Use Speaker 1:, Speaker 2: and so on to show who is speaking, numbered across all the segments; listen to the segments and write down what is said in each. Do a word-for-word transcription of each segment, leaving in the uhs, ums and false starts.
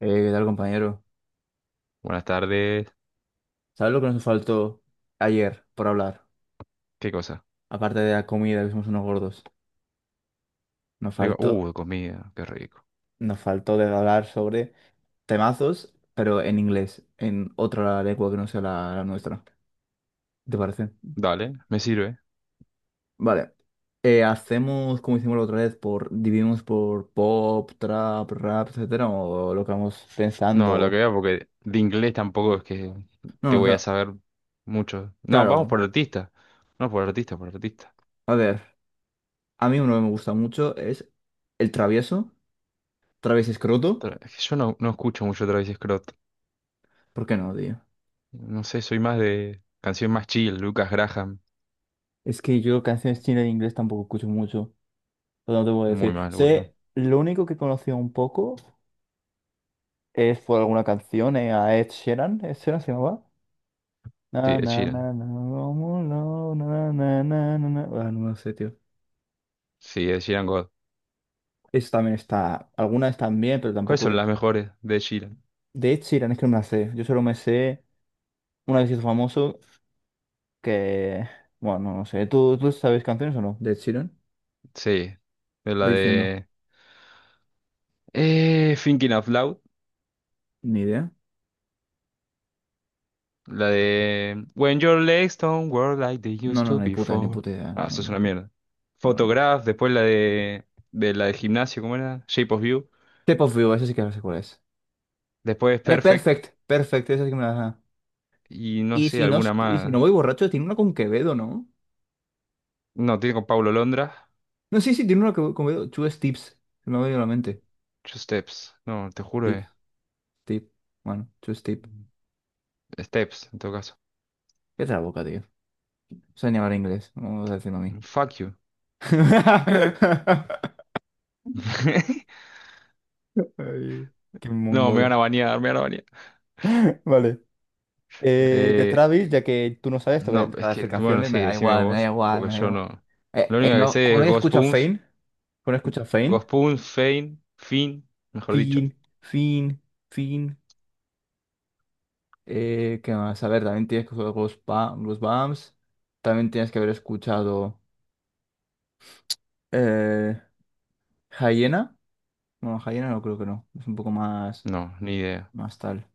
Speaker 1: Eh, ¿qué tal, compañero?
Speaker 2: Buenas tardes.
Speaker 1: ¿Sabes lo que nos faltó ayer por hablar?
Speaker 2: ¿Qué cosa?
Speaker 1: Aparte de la comida, que somos unos gordos. Nos
Speaker 2: Digo,
Speaker 1: faltó,
Speaker 2: uh, comida, qué rico.
Speaker 1: nos faltó de hablar sobre temazos, pero en inglés, en otra lengua que no sea la, la nuestra. ¿Te parece?
Speaker 2: Dale, me sirve.
Speaker 1: Vale. Eh, ¿hacemos como hicimos la otra vez? Por, ¿dividimos por pop, trap, rap, etcétera? ¿O lo que vamos
Speaker 2: No, lo
Speaker 1: pensando?
Speaker 2: que veo, porque de inglés tampoco es que te
Speaker 1: No, o
Speaker 2: voy a
Speaker 1: sea,
Speaker 2: saber mucho. No, vamos
Speaker 1: claro.
Speaker 2: por artista. No, por artista, por artista.
Speaker 1: A ver, a mí uno que me gusta mucho es el travieso, travieso escroto.
Speaker 2: Tra- es que Yo no, no escucho mucho Travis Scott.
Speaker 1: ¿Por qué no, tío?
Speaker 2: No sé, soy más de canción más chill, Lucas Graham.
Speaker 1: Es que yo canciones chinas en inglés tampoco escucho mucho, pero no te puedo
Speaker 2: Muy
Speaker 1: decir.
Speaker 2: mal, boludo.
Speaker 1: Sé, lo único que conocía un poco es por alguna canción eh, a Ed Sheeran. ¿Ed Sheeran se llamaba? Na,
Speaker 2: Sí, de
Speaker 1: na, na,
Speaker 2: Sheeran.
Speaker 1: na, como no, na, na, na, na, na. Ah, no lo sé, tío.
Speaker 2: Sí, de Sheeran God.
Speaker 1: Eso también está. Algunas están bien, pero
Speaker 2: ¿Cuáles
Speaker 1: tampoco
Speaker 2: son
Speaker 1: es.
Speaker 2: las mejores de Sheeran?
Speaker 1: De Ed Sheeran es que no me la sé. Yo solo me sé una vez hizo famoso que. Bueno, no sé. ¿Tú, tú sabes canciones o no? De Ed Sheeran.
Speaker 2: Sí, de la
Speaker 1: Voy diciendo.
Speaker 2: de... Eh, Thinking Out Loud.
Speaker 1: Ni idea.
Speaker 2: La de when your legs don't work like they
Speaker 1: No,
Speaker 2: used
Speaker 1: no,
Speaker 2: to
Speaker 1: no, ni puta, ni
Speaker 2: before.
Speaker 1: puta idea. No,
Speaker 2: Ah,
Speaker 1: no,
Speaker 2: eso es
Speaker 1: no.
Speaker 2: una mierda.
Speaker 1: No, no, no.
Speaker 2: Photograph, después la de, de la de gimnasio, ¿cómo era? Shape of You.
Speaker 1: Shape of You, ese sí que no sé cuál es.
Speaker 2: Después
Speaker 1: Eh,
Speaker 2: Perfect.
Speaker 1: Perfect, Perfect, esa sí que me la... ajá.
Speaker 2: Y no
Speaker 1: Y
Speaker 2: sé,
Speaker 1: si no,
Speaker 2: alguna
Speaker 1: y si no
Speaker 2: más.
Speaker 1: voy borracho, tiene una con Quevedo, ¿no?
Speaker 2: No, tiene con Paulo Londra.
Speaker 1: No, sí, sí, tiene una con con Quevedo. Two Steps, se me ha venido a la mente.
Speaker 2: Two Steps. No, te juro. eh.
Speaker 1: Tips, tip, bueno, two step.
Speaker 2: Steps, en todo caso.
Speaker 1: Qué la boca, tío. Sé ni hablar inglés, vamos a decirlo a mí.
Speaker 2: Fuck you.
Speaker 1: Ay, qué
Speaker 2: No, me
Speaker 1: mongola.
Speaker 2: van a banear, me van a banear.
Speaker 1: Vale. Eh, de
Speaker 2: Eh,
Speaker 1: Travis, ya que tú no sabes, te voy a
Speaker 2: no,
Speaker 1: dejar
Speaker 2: es
Speaker 1: de
Speaker 2: que,
Speaker 1: hacer
Speaker 2: bueno,
Speaker 1: canciones, me
Speaker 2: sí,
Speaker 1: da
Speaker 2: decime
Speaker 1: igual, me da
Speaker 2: vos,
Speaker 1: igual,
Speaker 2: porque
Speaker 1: me da
Speaker 2: yo
Speaker 1: igual.
Speaker 2: no.
Speaker 1: Eh,
Speaker 2: Lo
Speaker 1: eh,
Speaker 2: único que
Speaker 1: no,
Speaker 2: sé
Speaker 1: como
Speaker 2: es
Speaker 1: no he
Speaker 2: Ghost
Speaker 1: escuchado
Speaker 2: Puns,
Speaker 1: Fame, como no he escuchado Fame,
Speaker 2: Ghost Puns, Fein, Fin, mejor dicho.
Speaker 1: Fin, fin, fin. Eh, ¿qué más? A ver, también tienes que jugar los, ba- los B A Ms. También tienes que haber escuchado eh, Hyena. No, Hyena no creo que no. Es un poco más,
Speaker 2: No, ni idea.
Speaker 1: más tal.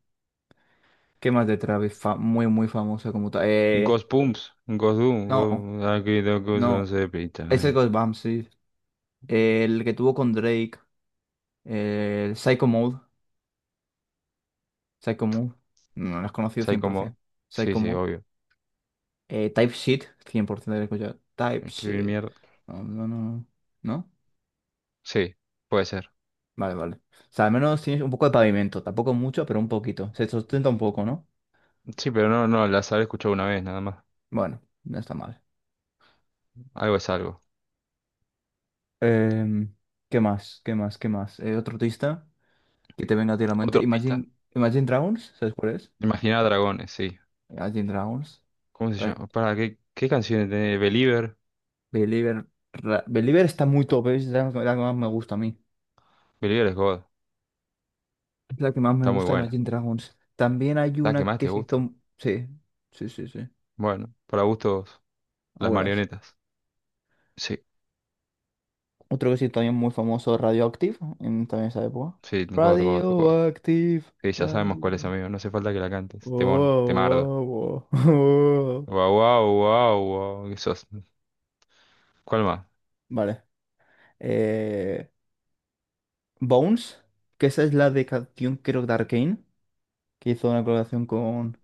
Speaker 1: ¿Qué más de Travis? Fa- muy, muy famosa como tal. Eh,
Speaker 2: Ghost Pumps, Ghost Doom,
Speaker 1: no,
Speaker 2: Ghost... Aquí dos cosas
Speaker 1: no.
Speaker 2: se pitan,
Speaker 1: Ese es
Speaker 2: eh.
Speaker 1: Ghost Bump, sí. El que tuvo con Drake. El Psycho Mode. Psycho Mode. No, lo has conocido
Speaker 2: Psycho Mod.
Speaker 1: cien por ciento.
Speaker 2: Sí,
Speaker 1: Psycho
Speaker 2: sí,
Speaker 1: Mode.
Speaker 2: obvio.
Speaker 1: Eh, TypeScript, cien por ciento de escuchado.
Speaker 2: Escribir
Speaker 1: TypeSheet.
Speaker 2: mierda.
Speaker 1: No, no, no. ¿No?
Speaker 2: Sí, puede ser.
Speaker 1: Vale, vale. O sea, al menos tienes un poco de pavimento. Tampoco mucho, pero un poquito. Se sustenta un poco, ¿no?
Speaker 2: Sí, pero no, no, las habré escuchado una vez nada más.
Speaker 1: Bueno, no está mal.
Speaker 2: Algo es algo.
Speaker 1: Em, ¿qué más? ¿Qué más? ¿Qué más? Eh, otro artista que te venga a ti a la
Speaker 2: Otra
Speaker 1: mente.
Speaker 2: pista.
Speaker 1: Imagine, Imagine Dragons, ¿sabes cuál es?
Speaker 2: Imaginar dragones, sí.
Speaker 1: Imagine Dragons.
Speaker 2: ¿Cómo se
Speaker 1: Right.
Speaker 2: llama? Para, ¿qué, qué canciones tiene? Believer.
Speaker 1: Believer, Ra- Believer está muy top, ¿eh? Es la que la que más me gusta a mí.
Speaker 2: Believer es God.
Speaker 1: Es la que más me
Speaker 2: Está muy
Speaker 1: gusta de
Speaker 2: buena.
Speaker 1: Imagine Dragons. También hay
Speaker 2: La que
Speaker 1: una
Speaker 2: más
Speaker 1: que
Speaker 2: te
Speaker 1: se
Speaker 2: gusta.
Speaker 1: hizo... Sí, sí, sí, sí.
Speaker 2: Bueno, para gustos, las
Speaker 1: Abuelas.
Speaker 2: marionetas. Sí,
Speaker 1: Otro que sí también muy famoso, Radioactive, en también esa época.
Speaker 2: sí, God, God, God.
Speaker 1: Radioactive,
Speaker 2: Sí, ya sabemos cuál es,
Speaker 1: radio.
Speaker 2: amigo. No hace falta que la cantes. Temón, temardo.
Speaker 1: Oh, oh, oh, oh.
Speaker 2: Wow, wow, wow, wow. ¿Qué sos? ¿Cuál más?
Speaker 1: Vale. Eh, Bones, que esa es la de canción, creo, de Arcane, que hizo una colaboración con.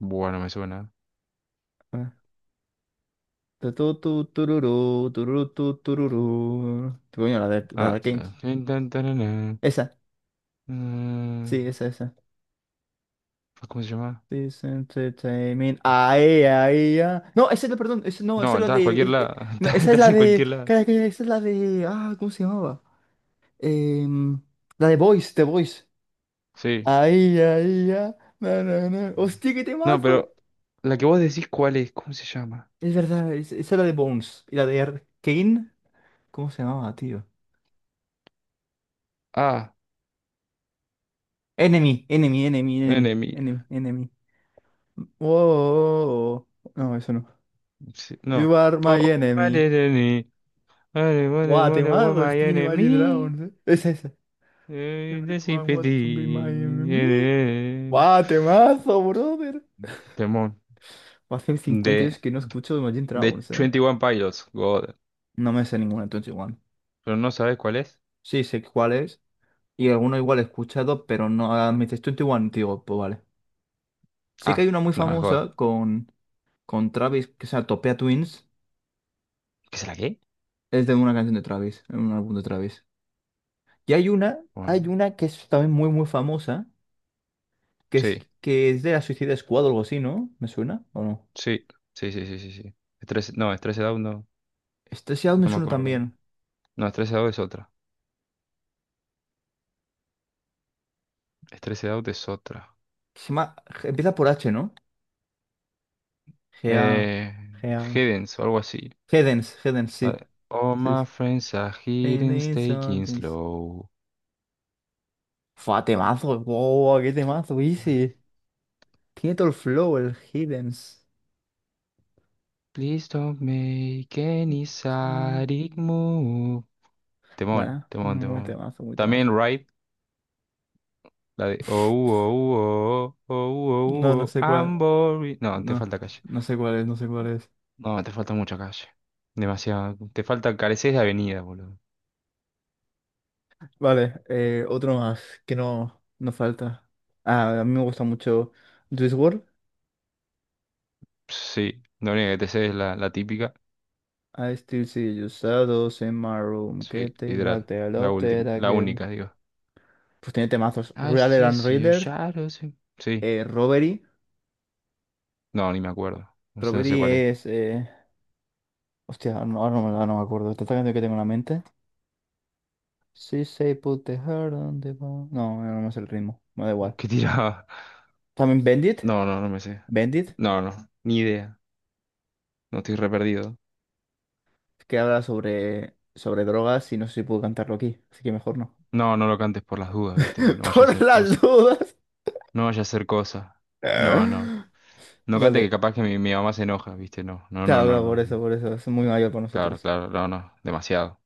Speaker 2: Bueno, me suena.
Speaker 1: eh, tu, tu, tu, tururú, tururú, tu, tururú. Tu, coño, la de, la de
Speaker 2: Ah.
Speaker 1: Arcane.
Speaker 2: eh, tan, tarana,
Speaker 1: Esa,
Speaker 2: mm,
Speaker 1: sí, esa, esa.
Speaker 2: ¿cómo se llama?
Speaker 1: This entertainment. Ay, ay, ay. No, esa es la, perdón, esa, no, esa
Speaker 2: No,
Speaker 1: es la
Speaker 2: estás a
Speaker 1: de.
Speaker 2: cualquier
Speaker 1: Es- eh,
Speaker 2: lado.
Speaker 1: no,
Speaker 2: Estás
Speaker 1: esa es
Speaker 2: estás
Speaker 1: la
Speaker 2: en
Speaker 1: de.
Speaker 2: cualquier lado.
Speaker 1: Calla, calla, esa es la de. Ah, ¿cómo se llamaba? Em, la de Voice, The Voice.
Speaker 2: Sí.
Speaker 1: Ay, ay, ay. No, no, no. Hostia, qué
Speaker 2: No,
Speaker 1: temazo.
Speaker 2: pero la que vos decís, ¿cuál es? ¿Cómo se llama?
Speaker 1: Es verdad, es- esa es la de Bones. Y la de R- Kane. ¿Cómo se llamaba, tío?
Speaker 2: Ah,
Speaker 1: Enemy, enemy, enemy, enemy,
Speaker 2: enemy.
Speaker 1: enemy, enemy. Oh, oh, oh, oh. No, eso no.
Speaker 2: Sí, no.
Speaker 1: You are
Speaker 2: Oh,
Speaker 1: my
Speaker 2: what
Speaker 1: enemy.
Speaker 2: is enemy? What is, what is,
Speaker 1: Guau,
Speaker 2: what is, what
Speaker 1: temazo,
Speaker 2: my
Speaker 1: Steam Imagine
Speaker 2: enemy?
Speaker 1: Dragons. eh. Es esa.
Speaker 2: Eh, the
Speaker 1: Everyone wants to be my
Speaker 2: sympathy. Eh,
Speaker 1: enemy.
Speaker 2: eh, eh.
Speaker 1: ¡Guau, temazo, brother!
Speaker 2: Temón.
Speaker 1: Hace cincuenta años
Speaker 2: De
Speaker 1: que no escucho de Imagine
Speaker 2: De
Speaker 1: Dragons, ¿eh?
Speaker 2: veintiuno Pilots, God.
Speaker 1: No me sé ninguna de veintiuno.
Speaker 2: ¿Pero no sabes cuál es?
Speaker 1: Sí, sé cuál es. Y alguno igual he escuchado, pero no. ah, me dices veintiuno, digo, pues vale. Sí que
Speaker 2: Ah,
Speaker 1: hay una muy
Speaker 2: no, es God.
Speaker 1: famosa con, con Travis, que se llama Topia Twins.
Speaker 2: ¿Qué es la qué?
Speaker 1: Es de una canción de Travis, en un álbum de Travis. Y hay una, hay
Speaker 2: Bueno,
Speaker 1: una que es también muy, muy famosa, que es,
Speaker 2: sí,
Speaker 1: que es de la Suicide Squad o algo así, ¿no? ¿Me suena o no?
Speaker 2: sí, sí, sí, sí, sí, sí. Stress- no, Stressed Out no,
Speaker 1: Este sí me
Speaker 2: no me
Speaker 1: suena
Speaker 2: acuerdo.
Speaker 1: también.
Speaker 2: No, Stressed Out es otra. Stressed Out es otra.
Speaker 1: Se llama- empieza por H, ¿no? Gea.
Speaker 2: Eh,
Speaker 1: Gea.
Speaker 2: Hiddens o algo así.
Speaker 1: Hedens, Hedens, sí.
Speaker 2: All
Speaker 1: Sí.
Speaker 2: my
Speaker 1: Sí.
Speaker 2: friends are hidden,
Speaker 1: Hedens,
Speaker 2: taking
Speaker 1: Hedens.
Speaker 2: slow.
Speaker 1: Fua, temazo. Wow, qué temazo, easy. Tiene todo el flow, el Hedens.
Speaker 2: Please don't make any
Speaker 1: ¿Sabes?
Speaker 2: sadic move. Temón,
Speaker 1: Bueno,
Speaker 2: temón,
Speaker 1: muy
Speaker 2: temón.
Speaker 1: temazo, muy temazo.
Speaker 2: También Ride, la de oh, oh, oh, oh,
Speaker 1: No, no
Speaker 2: oh, oh,
Speaker 1: sé
Speaker 2: oh, I'm
Speaker 1: cuál.
Speaker 2: boring. No, te
Speaker 1: No,
Speaker 2: falta calle.
Speaker 1: no sé cuál es, no sé cuál es.
Speaker 2: No, te falta mucha calle. Demasiado. Te falta, careces de avenida, boludo.
Speaker 1: Vale, eh, otro más que no, no falta. Ah, a mí me gusta mucho Juice world.
Speaker 2: Sí, la única que te sé es la, la típica.
Speaker 1: I still see you shadows in my room.
Speaker 2: Sí,
Speaker 1: Get the back,
Speaker 2: literal.
Speaker 1: they
Speaker 2: La
Speaker 1: adopted,
Speaker 2: última,
Speaker 1: I
Speaker 2: la
Speaker 1: gave you.
Speaker 2: única, digo.
Speaker 1: Pues tiene temazos.
Speaker 2: I
Speaker 1: Real
Speaker 2: still
Speaker 1: and
Speaker 2: see your
Speaker 1: Raider,
Speaker 2: shadows in... Sí.
Speaker 1: eh, Robbery.
Speaker 2: No, ni me acuerdo. No sé, no sé
Speaker 1: Robbery
Speaker 2: cuál es.
Speaker 1: es. eh, Hostia, no, ahora no, me ahora no me acuerdo. Tanta canción que tengo en la mente. Sí, say put the heart on the bone. No, no me sé el ritmo. Me da igual.
Speaker 2: ¿Qué tiraba?
Speaker 1: También Bendit.
Speaker 2: No, no, no me sé.
Speaker 1: Bendit,
Speaker 2: No, no, ni idea. No estoy re perdido.
Speaker 1: que habla sobre, sobre drogas y no sé si puedo cantarlo aquí. Así que mejor no.
Speaker 2: No, no lo cantes por las dudas, viste, que no vaya a
Speaker 1: Por
Speaker 2: ser
Speaker 1: las
Speaker 2: cosa.
Speaker 1: dudas.
Speaker 2: No vaya a ser cosa. No, no. No cante que
Speaker 1: Vale.
Speaker 2: capaz que mi, mi mamá se enoja, ¿viste? No, no, no,
Speaker 1: Claro,
Speaker 2: no,
Speaker 1: claro, por
Speaker 2: no,
Speaker 1: eso,
Speaker 2: no.
Speaker 1: por eso. Es muy mayor para
Speaker 2: Claro,
Speaker 1: nosotros.
Speaker 2: claro, no, no. Demasiado.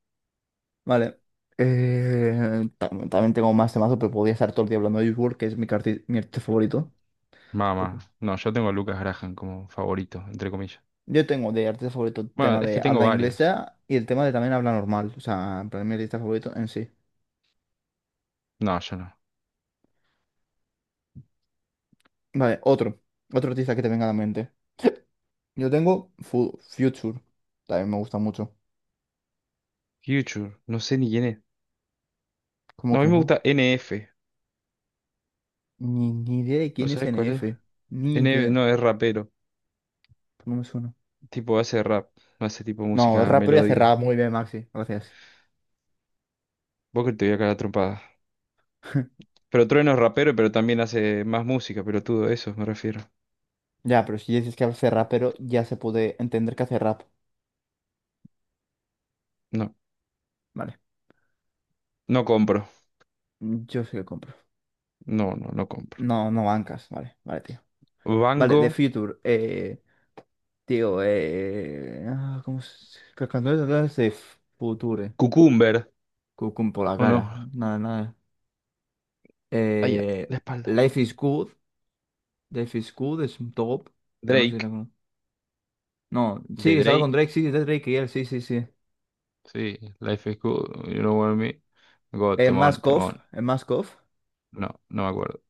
Speaker 1: Vale. Eh, tam- también tengo más temazos, pero podría estar todo el día hablando de Juice world, que es mi, arti- mi artista favorito.
Speaker 2: Mamá. No, yo tengo a Lucas Graham como favorito, entre comillas.
Speaker 1: Yo tengo de artista favorito el
Speaker 2: Bueno,
Speaker 1: tema
Speaker 2: es que
Speaker 1: de
Speaker 2: tengo
Speaker 1: habla
Speaker 2: varios.
Speaker 1: inglesa y el tema de también habla normal. O sea, en plan, mi artista favorito en sí.
Speaker 2: No, yo no.
Speaker 1: Vale, otro. Otro artista que te venga a la mente. Yo tengo Fu- Future. También me gusta mucho.
Speaker 2: Future, no sé ni quién es.
Speaker 1: ¿Cómo
Speaker 2: No, a mí
Speaker 1: que
Speaker 2: me gusta
Speaker 1: no?
Speaker 2: N F.
Speaker 1: Ni, ni idea de
Speaker 2: ¿No
Speaker 1: quién es
Speaker 2: sabes
Speaker 1: N
Speaker 2: cuál es?
Speaker 1: F. Ni
Speaker 2: N F,
Speaker 1: idea.
Speaker 2: no, es rapero.
Speaker 1: No me suena.
Speaker 2: Tipo, hace rap. Hace tipo
Speaker 1: No, es
Speaker 2: música
Speaker 1: rapero y hace rap
Speaker 2: melódica.
Speaker 1: muy bien, Maxi. Gracias.
Speaker 2: Vos que te voy a cagar a trompadas. Pero Trueno es rapero, pero también hace más música, pero todo eso me refiero.
Speaker 1: Ya, pero si dices que hace rapero ya se puede entender que hace rap.
Speaker 2: No,
Speaker 1: Vale,
Speaker 2: no compro.
Speaker 1: yo sí lo compro.
Speaker 2: No, no, no compro.
Speaker 1: No, no bancas. Vale, vale, tío. Vale, The
Speaker 2: Banco.
Speaker 1: Future. Eh, tío, eh... ah, ¿cómo se...? ¿Qué canción es The Future?
Speaker 2: Cucumber.
Speaker 1: Cucum por la
Speaker 2: ¿O no?
Speaker 1: cara. Nada, nada.
Speaker 2: Allá,
Speaker 1: Eh,
Speaker 2: la espalda.
Speaker 1: Life is Good. Life is Good es un top. Pero no sé si era
Speaker 2: Drake,
Speaker 1: con... No, sí,
Speaker 2: de
Speaker 1: estaba con
Speaker 2: Drake,
Speaker 1: Drake. Sí, de Drake y él. Sí, sí, sí.
Speaker 2: sí, Life is Good, You Know What I Mean. God,
Speaker 1: Eh,
Speaker 2: temón,
Speaker 1: Mask Off.
Speaker 2: temón.
Speaker 1: Eh, Mask Off.
Speaker 2: No, no me acuerdo.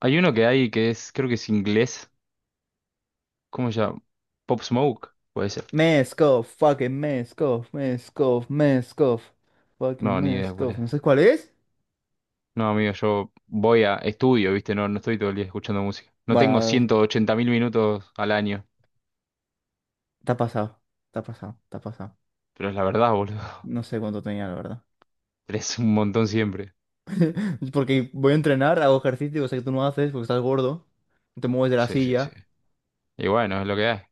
Speaker 2: Hay uno que hay que es, creo que es inglés. ¿Cómo se llama? Pop Smoke, puede ser.
Speaker 1: Meskov, fucking Meskov, Meskov, Meskov, fucking
Speaker 2: No, ni idea cuál
Speaker 1: Meskov.
Speaker 2: es.
Speaker 1: ¿No sabes cuál es?
Speaker 2: No, amigo, yo voy a estudio, ¿viste? No, no estoy todo el día escuchando música. No tengo
Speaker 1: Bueno,
Speaker 2: 180 mil minutos al año,
Speaker 1: está pasado, está pasado, está pasado.
Speaker 2: pero es la verdad, boludo.
Speaker 1: No sé cuánto tenía, la verdad.
Speaker 2: Es un montón siempre.
Speaker 1: Porque voy a entrenar, hago ejercicio, cosa que tú no haces porque estás gordo, no te mueves de la
Speaker 2: Sí, sí, sí.
Speaker 1: silla.
Speaker 2: Y bueno, es lo que hay.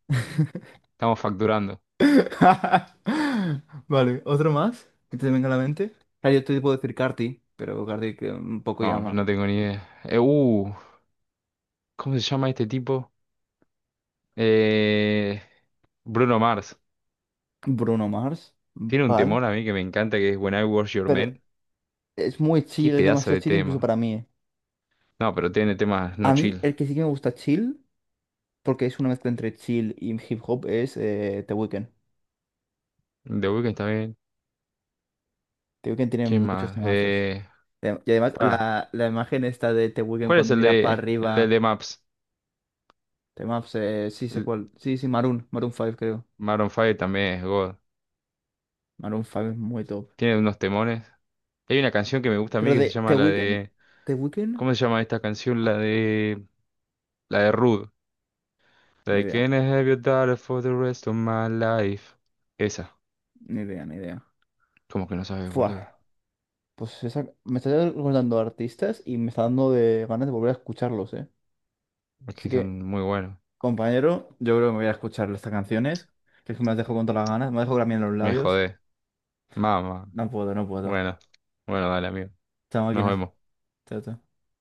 Speaker 2: Estamos facturando.
Speaker 1: Vale, ¿otro más? ¿Que te venga a la mente? Claro, yo te puedo decir Carti, pero Carti que un poco
Speaker 2: No,
Speaker 1: llama.
Speaker 2: no tengo ni idea. Eh, uh, ¿cómo se llama este tipo? Eh, Bruno Mars.
Speaker 1: Bruno Mars,
Speaker 2: Tiene un
Speaker 1: vale.
Speaker 2: temor a mí que me encanta que es When I Was Your
Speaker 1: Pero
Speaker 2: Man.
Speaker 1: es muy
Speaker 2: Qué
Speaker 1: chill, es
Speaker 2: pedazo
Speaker 1: demasiado
Speaker 2: de
Speaker 1: chill incluso
Speaker 2: tema.
Speaker 1: para mí, eh.
Speaker 2: No, pero tiene temas no
Speaker 1: A mí,
Speaker 2: chill.
Speaker 1: el que sí que me gusta chill, porque es una mezcla entre chill y hip hop, es eh, The Weeknd.
Speaker 2: The Weeknd está bien.
Speaker 1: The Weeknd tiene
Speaker 2: ¿Quién
Speaker 1: muchos
Speaker 2: más?
Speaker 1: temazos.
Speaker 2: Eh,
Speaker 1: Eh, Y además,
Speaker 2: pa.
Speaker 1: la, la imagen esta de The Weeknd
Speaker 2: ¿Cuál es
Speaker 1: cuando
Speaker 2: el
Speaker 1: mira para
Speaker 2: de el de
Speaker 1: arriba,
Speaker 2: The Maps?
Speaker 1: temazos, eh, sí sé
Speaker 2: El
Speaker 1: cuál. Sí, sí, Maroon, Maroon cinco, creo.
Speaker 2: Maroon cinco también es God.
Speaker 1: Maroon cinco es muy top.
Speaker 2: Tiene unos temores. Hay una canción que me gusta a mí
Speaker 1: Pero
Speaker 2: que se
Speaker 1: de
Speaker 2: llama
Speaker 1: The
Speaker 2: la
Speaker 1: Weeknd,
Speaker 2: de.
Speaker 1: The Weeknd,
Speaker 2: ¿Cómo se llama esta canción? La de. La de Rude. La
Speaker 1: ni
Speaker 2: de
Speaker 1: idea,
Speaker 2: can I have your daughter for the rest of my life? Esa.
Speaker 1: ni idea, ni idea.
Speaker 2: ¿Cómo que no sabes,
Speaker 1: Fua,
Speaker 2: boludo?
Speaker 1: pues esa- me está recordando artistas y me está dando de ganas de volver a escucharlos, ¿eh?
Speaker 2: Es
Speaker 1: Así
Speaker 2: que
Speaker 1: que
Speaker 2: son muy buenos.
Speaker 1: compañero, yo creo que me voy a escuchar estas canciones, que es que me las dejo con todas las ganas, me dejo también los
Speaker 2: Me
Speaker 1: labios.
Speaker 2: jodé. Mamá.
Speaker 1: No puedo, no puedo.
Speaker 2: Bueno, bueno, dale, amigo.
Speaker 1: Chao,
Speaker 2: Nos
Speaker 1: máquina.
Speaker 2: vemos.
Speaker 1: Chao, chao.